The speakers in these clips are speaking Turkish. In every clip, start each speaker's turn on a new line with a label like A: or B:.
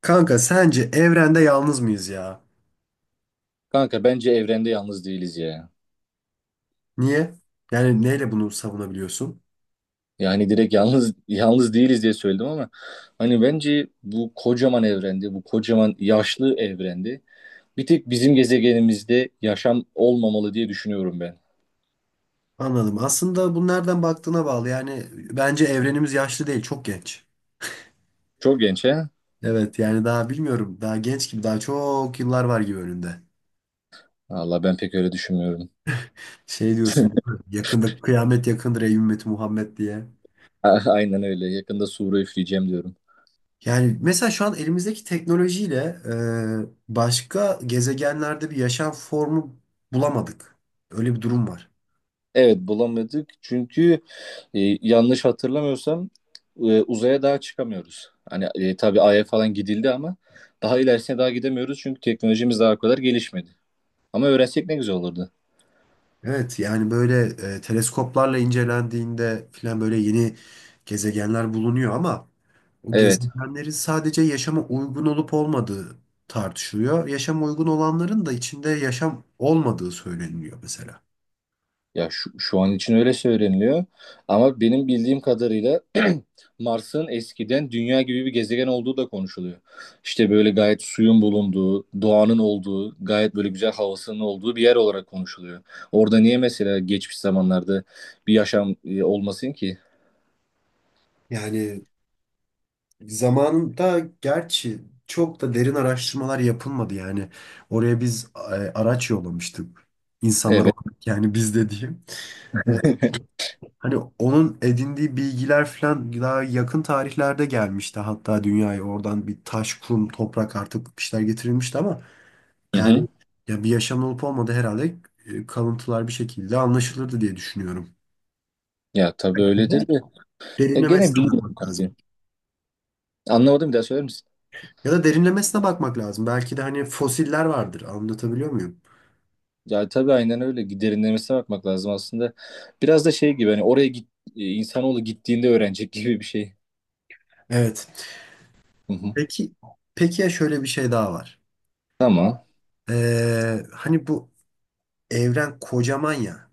A: Kanka sence evrende yalnız mıyız ya?
B: Kanka bence evrende yalnız değiliz ya.
A: Niye? Yani neyle bunu savunabiliyorsun?
B: Yani direkt yalnız yalnız değiliz diye söyledim ama hani bence bu kocaman evrende, bu kocaman yaşlı evrende bir tek bizim gezegenimizde yaşam olmamalı diye düşünüyorum ben.
A: Anladım. Aslında bu nereden baktığına bağlı. Yani bence evrenimiz yaşlı değil, çok genç.
B: Çok genç he?
A: Evet yani daha bilmiyorum. Daha genç gibi, daha çok yıllar var gibi önünde.
B: Valla ben pek öyle düşünmüyorum.
A: Şey diyorsun, değil mi? Yakında kıyamet yakındır ey ümmeti Muhammed diye.
B: Aynen öyle. Yakında Suriye üfleyeceğim diyorum.
A: Yani mesela şu an elimizdeki teknolojiyle başka gezegenlerde bir yaşam formu bulamadık. Öyle bir durum var.
B: Evet bulamadık çünkü yanlış hatırlamıyorsam uzaya daha çıkamıyoruz. Hani tabii Ay'a falan gidildi ama daha ilerisine daha gidemiyoruz çünkü teknolojimiz daha o kadar gelişmedi. Ama öğrensek ne güzel olurdu.
A: Evet yani böyle teleskoplarla incelendiğinde filan böyle yeni gezegenler bulunuyor ama o
B: Evet.
A: gezegenlerin sadece yaşama uygun olup olmadığı tartışılıyor. Yaşama uygun olanların da içinde yaşam olmadığı söyleniyor mesela.
B: Ya şu an için öyle söyleniliyor. Ama benim bildiğim kadarıyla Mars'ın eskiden dünya gibi bir gezegen olduğu da konuşuluyor. İşte böyle gayet suyun bulunduğu, doğanın olduğu, gayet böyle güzel havasının olduğu bir yer olarak konuşuluyor. Orada niye mesela geçmiş zamanlarda bir yaşam olmasın ki?
A: Yani zamanında gerçi çok da derin araştırmalar yapılmadı yani. Oraya biz araç yollamıştık. İnsanlar
B: Evet.
A: olarak yani biz de diyeyim. E, Hani onun edindiği bilgiler falan daha yakın tarihlerde gelmişti. Hatta dünyaya oradan bir taş, kum, toprak artık bir şeyler getirilmişti ama
B: Hı hı.
A: yani ya bir yaşam olup olmadı herhalde kalıntılar bir şekilde anlaşılırdı diye düşünüyorum.
B: Ya tabii
A: Bir de
B: öyledir de. Ya gene
A: derinlemesine
B: bilmiyorum
A: bakmak
B: kanka.
A: lazım.
B: Anlamadım bir daha söyler misin?
A: Ya da derinlemesine bakmak lazım. Belki de hani fosiller vardır. Anlatabiliyor muyum?
B: Ya tabii aynen öyle. Derinlemesine bakmak lazım aslında. Biraz da şey gibi hani oraya git, insanoğlu gittiğinde öğrenecek gibi bir şey.
A: Evet.
B: Hı hı.
A: Peki, peki ya şöyle bir şey daha var.
B: Ama
A: Hani bu evren kocaman ya.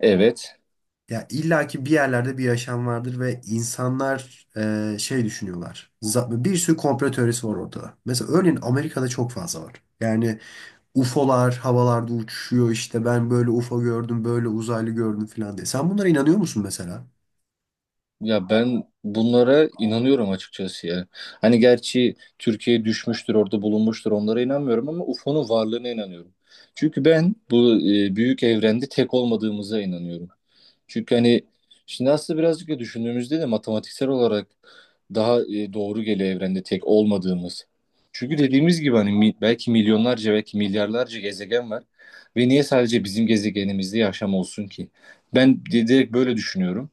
B: evet.
A: Ya illaki bir yerlerde bir yaşam vardır ve insanlar şey düşünüyorlar. Bir sürü komplo teorisi var ortada. Mesela örneğin Amerika'da çok fazla var. Yani UFO'lar havalarda uçuşuyor işte ben böyle UFO gördüm böyle uzaylı gördüm falan diye. Sen bunlara inanıyor musun mesela?
B: Ya ben bunlara inanıyorum açıkçası ya. Hani gerçi Türkiye düşmüştür, orada bulunmuştur onlara inanmıyorum ama UFO'nun varlığına inanıyorum. Çünkü ben bu büyük evrende tek olmadığımıza inanıyorum. Çünkü hani şimdi aslında birazcık da düşündüğümüzde de matematiksel olarak daha doğru geliyor evrende tek olmadığımız. Çünkü dediğimiz gibi hani belki milyonlarca belki milyarlarca gezegen var ve niye sadece bizim gezegenimizde yaşam olsun ki? Ben direkt böyle düşünüyorum.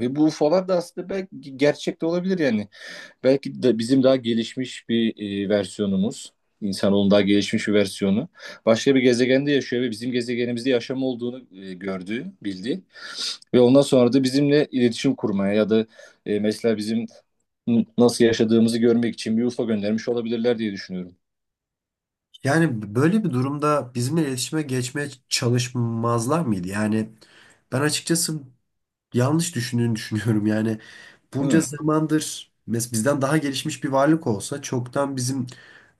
B: Ve bu UFO'lar da aslında belki gerçek de olabilir yani. Belki de bizim daha gelişmiş bir versiyonumuz, insanoğlunun daha gelişmiş bir versiyonu başka bir gezegende yaşıyor ve bizim gezegenimizde yaşam olduğunu gördüğü, bildiği. Ve ondan sonra da bizimle iletişim kurmaya ya da mesela bizim nasıl yaşadığımızı görmek için bir UFO göndermiş olabilirler diye düşünüyorum.
A: Yani böyle bir durumda bizimle iletişime geçmeye çalışmazlar mıydı? Yani ben açıkçası yanlış düşündüğünü düşünüyorum. Yani bunca
B: Hı.
A: zamandır mes bizden daha gelişmiş bir varlık olsa çoktan bizim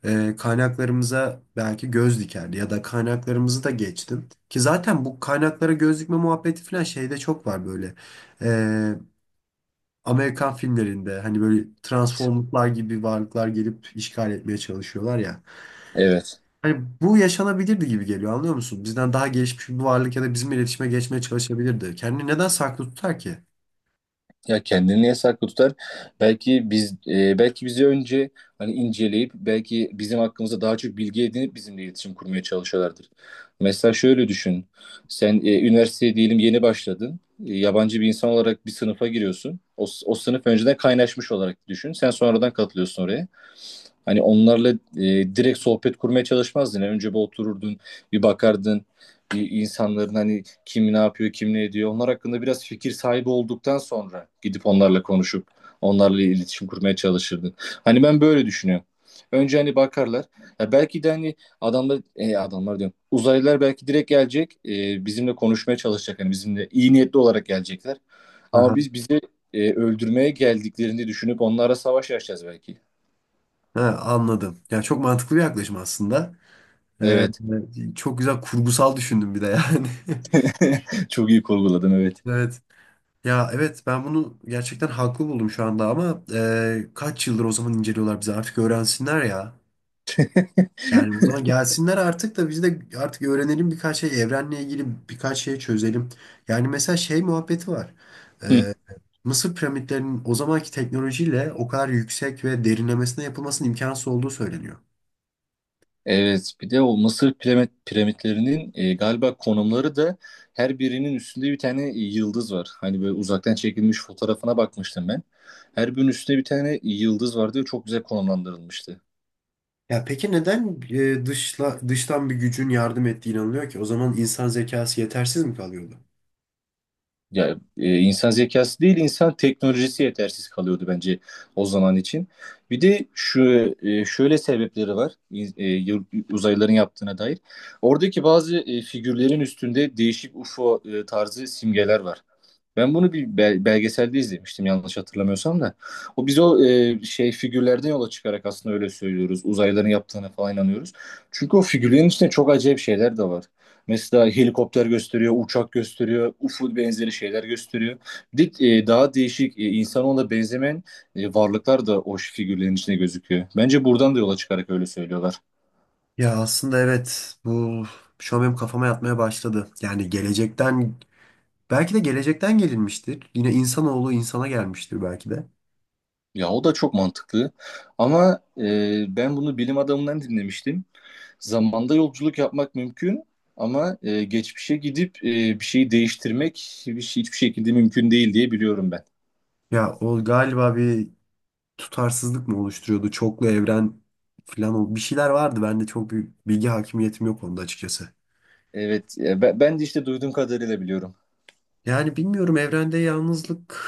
A: kaynaklarımıza belki göz dikerdi ya da kaynaklarımızı da geçtim. Ki zaten bu kaynaklara göz dikme muhabbeti falan şeyde çok var böyle. E, Amerikan filmlerinde hani böyle Transformers'lar gibi varlıklar gelip işgal etmeye çalışıyorlar ya.
B: Evet.
A: Hani bu yaşanabilirdi gibi geliyor anlıyor musun? Bizden daha gelişmiş bir varlık ya da bizim iletişime geçmeye çalışabilirdi. Kendini neden saklı tutar ki?
B: Ya kendini niye saklı tutar? Belki belki bizi önce hani inceleyip belki bizim hakkımızda daha çok bilgi edinip bizimle iletişim kurmaya çalışıyorlardır. Mesela şöyle düşün. Sen üniversiteye diyelim yeni başladın. Yabancı bir insan olarak bir sınıfa giriyorsun. O sınıf önceden kaynaşmış olarak düşün. Sen sonradan katılıyorsun oraya. Hani onlarla direkt sohbet kurmaya çalışmazdın. Önce bir otururdun, bir bakardın. Bir insanların hani kim ne yapıyor, kim ne ediyor. Onlar hakkında biraz fikir sahibi olduktan sonra gidip onlarla konuşup onlarla iletişim kurmaya çalışırdın. Hani ben böyle düşünüyorum. Önce hani bakarlar. Ya belki de hani adamlar diyorum. Uzaylılar belki direkt gelecek. Bizimle konuşmaya çalışacak. Hani bizimle iyi niyetli olarak gelecekler. Ama
A: Aha.
B: bizi öldürmeye geldiklerini düşünüp onlara savaş açacağız belki.
A: Ha, anladım. Ya çok mantıklı bir yaklaşım aslında. Ee,
B: Evet.
A: çok güzel kurgusal düşündüm bir de yani.
B: Çok iyi kurguladın evet.
A: Evet. Ya evet ben bunu gerçekten haklı buldum şu anda ama kaç yıldır o zaman inceliyorlar bizi artık öğrensinler ya. Yani o zaman gelsinler artık da biz de artık öğrenelim birkaç şey evrenle ilgili birkaç şey çözelim. Yani mesela şey muhabbeti var. Ee, Mısır piramitlerinin o zamanki teknolojiyle o kadar yüksek ve derinlemesine yapılmasının imkansız olduğu söyleniyor.
B: Evet, bir de o piramitlerinin galiba konumları da her birinin üstünde bir tane yıldız var. Hani böyle uzaktan çekilmiş fotoğrafına bakmıştım ben. Her birinin üstünde bir tane yıldız vardı ve çok güzel konumlandırılmıştı.
A: Ya peki neden dıştan bir gücün yardım ettiği inanılıyor ki? O zaman insan zekası yetersiz mi kalıyordu?
B: Ya insan zekası değil, insan teknolojisi yetersiz kalıyordu bence o zaman için. Bir de şöyle sebepleri var uzaylıların yaptığına dair. Oradaki bazı figürlerin üstünde değişik UFO tarzı simgeler var. Ben bunu bir belgeselde izlemiştim yanlış hatırlamıyorsam da. O şey figürlerden yola çıkarak aslında öyle söylüyoruz. Uzaylıların yaptığına falan inanıyoruz. Çünkü o figürlerin içinde çok acayip şeyler de var. Mesela helikopter gösteriyor, uçak gösteriyor, UFO benzeri şeyler gösteriyor. Bir de, daha değişik insanoğluna benzemeyen varlıklar da o figürlerin içinde gözüküyor. Bence buradan da yola çıkarak öyle söylüyorlar.
A: Ya aslında evet bu şu an benim kafama yatmaya başladı. Yani gelecekten belki de gelecekten gelinmiştir. Yine insanoğlu insana gelmiştir belki de.
B: Ya o da çok mantıklı. Ama ben bunu bilim adamından dinlemiştim. Zamanda yolculuk yapmak mümkün ama geçmişe gidip bir şeyi değiştirmek hiçbir şekilde mümkün değil diye biliyorum ben.
A: Ya o galiba bir tutarsızlık mı oluşturuyordu? Çoklu evren falan bir şeyler vardı. Ben de çok bir bilgi hakimiyetim yok onda açıkçası.
B: Evet, ben de işte duyduğum kadarıyla biliyorum.
A: Yani bilmiyorum evrende yalnızlık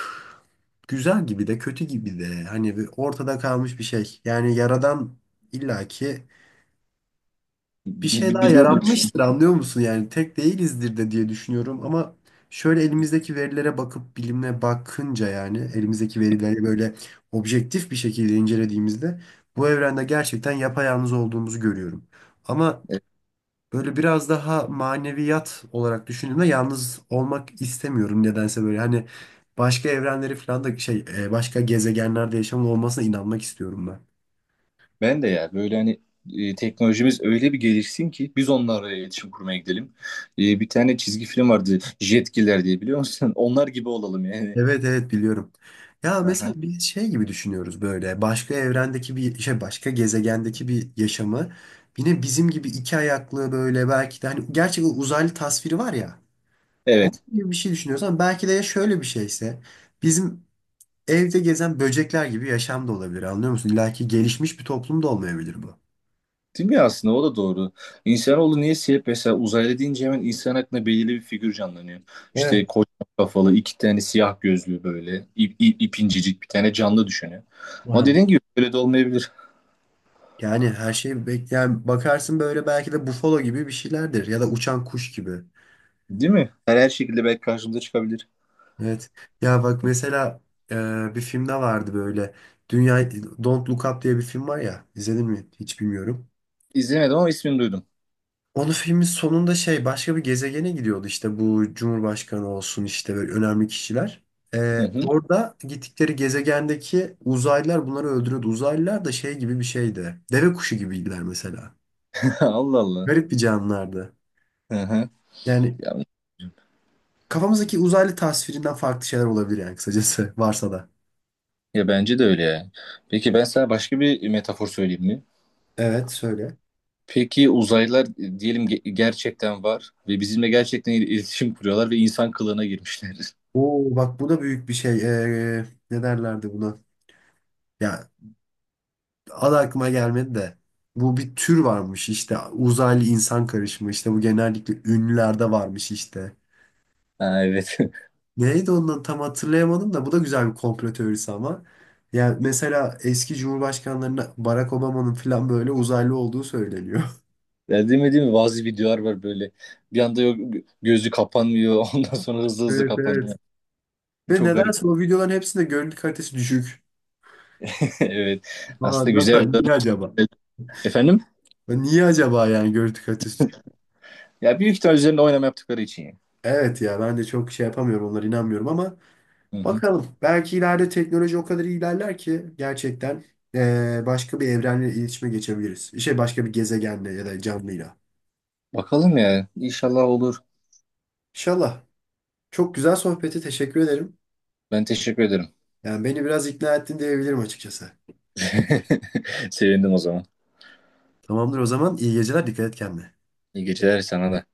A: güzel gibi de kötü gibi de hani bir ortada kalmış bir şey. Yani yaradan illaki bir şey daha
B: Biliyordum.
A: yaratmıştır anlıyor musun? Yani tek değilizdir de diye düşünüyorum ama şöyle elimizdeki verilere bakıp bilimle bakınca yani elimizdeki verileri böyle objektif bir şekilde incelediğimizde bu evrende gerçekten yapayalnız olduğumuzu görüyorum. Ama
B: E,
A: böyle biraz daha maneviyat olarak düşündüğümde yalnız olmak istemiyorum nedense böyle hani başka evrenleri falan da başka gezegenlerde yaşamın olmasına inanmak istiyorum ben.
B: Ben de ya böyle hani teknolojimiz öyle bir gelişsin ki biz onlarla iletişim kurmaya gidelim. Bir tane çizgi film vardı Jetgiller diye biliyor musun? Onlar gibi olalım yani.
A: Evet evet biliyorum. Ya mesela
B: Aha.
A: biz şey gibi düşünüyoruz böyle başka evrendeki bir şey başka gezegendeki bir yaşamı yine bizim gibi iki ayaklı böyle belki de hani gerçek uzaylı tasviri var ya onun
B: Evet.
A: gibi bir şey düşünüyorsan belki de ya şöyle bir şeyse bizim evde gezen böcekler gibi yaşam da olabilir anlıyor musun? İlla ki gelişmiş bir toplum da olmayabilir bu.
B: Değil mi aslında o da doğru. İnsanoğlu niye hep mesela uzaylı deyince hemen insan aklına belirli bir figür canlanıyor. İşte
A: Evet.
B: kocaman kafalı iki tane siyah gözlü böyle ip bir tane canlı düşünüyor. Ama
A: Aha.
B: dediğin gibi öyle de olmayabilir.
A: Yani her şeyi bekleyen bakarsın böyle belki de bufalo gibi bir şeylerdir ya da uçan kuş gibi.
B: Değil mi? Her şekilde belki karşımıza çıkabilir.
A: Evet. Ya bak mesela bir filmde vardı böyle. Dünya Don't Look Up diye bir film var ya. İzledin mi? Hiç bilmiyorum.
B: İzlemedim ama ismini duydum.
A: Onun filmin sonunda şey başka bir gezegene gidiyordu işte bu Cumhurbaşkanı olsun işte böyle önemli kişiler.
B: Hı hı.
A: Orada gittikleri gezegendeki uzaylılar bunları öldürüyordu. Uzaylılar da şey gibi bir şeydi. Deve kuşu gibiydiler mesela.
B: Allah Allah.
A: Garip bir canlılardı.
B: Hı hı.
A: Yani
B: Ya,
A: kafamızdaki uzaylı tasvirinden farklı şeyler olabilir yani kısacası varsa da.
B: Ya bence de öyle ya. Peki ben sana başka bir metafor söyleyeyim mi?
A: Evet söyle.
B: Peki uzaylılar diyelim gerçekten var ve bizimle gerçekten iletişim kuruyorlar ve insan kılığına girmişler.
A: Oo bak bu da büyük bir şey. Ne derlerdi buna? Ya adı aklıma gelmedi de. Bu bir tür varmış işte. Uzaylı insan karışımı işte. Bu genellikle ünlülerde varmış işte.
B: Ha, evet.
A: Neydi ondan tam hatırlayamadım da bu da güzel bir komplo teorisi ama. Yani mesela eski cumhurbaşkanlarına Barack Obama'nın falan böyle uzaylı olduğu söyleniyor.
B: Ya değil mi? Bazı videolar var böyle. Bir anda yok, gözü kapanmıyor. Ondan sonra hızlı hızlı
A: Evet evet.
B: kapanıyor.
A: Ve
B: Çok garip.
A: nedense o videoların hepsinde görüntü kalitesi düşük.
B: Evet.
A: Aa,
B: Aslında güzel bir
A: nasıl? Niye
B: örnek.
A: acaba?
B: Efendim?
A: Niye acaba yani görüntü kalitesi düşük?
B: Ya büyük ihtimal üzerinde oynama yaptıkları için ya.
A: Evet ya ben de çok şey yapamıyorum onlara inanmıyorum ama
B: Hı hı.
A: bakalım. Belki ileride teknoloji o kadar ilerler ki gerçekten başka bir evrenle iletişime geçebiliriz. Şey başka bir gezegenle ya da canlıyla.
B: Bakalım ya. İnşallah olur.
A: İnşallah. Çok güzel sohbeti teşekkür ederim.
B: Ben teşekkür ederim.
A: Yani beni biraz ikna ettin diyebilirim açıkçası.
B: Sevindim o zaman.
A: Tamamdır o zaman. İyi geceler. Dikkat et kendine.
B: İyi geceler sana da.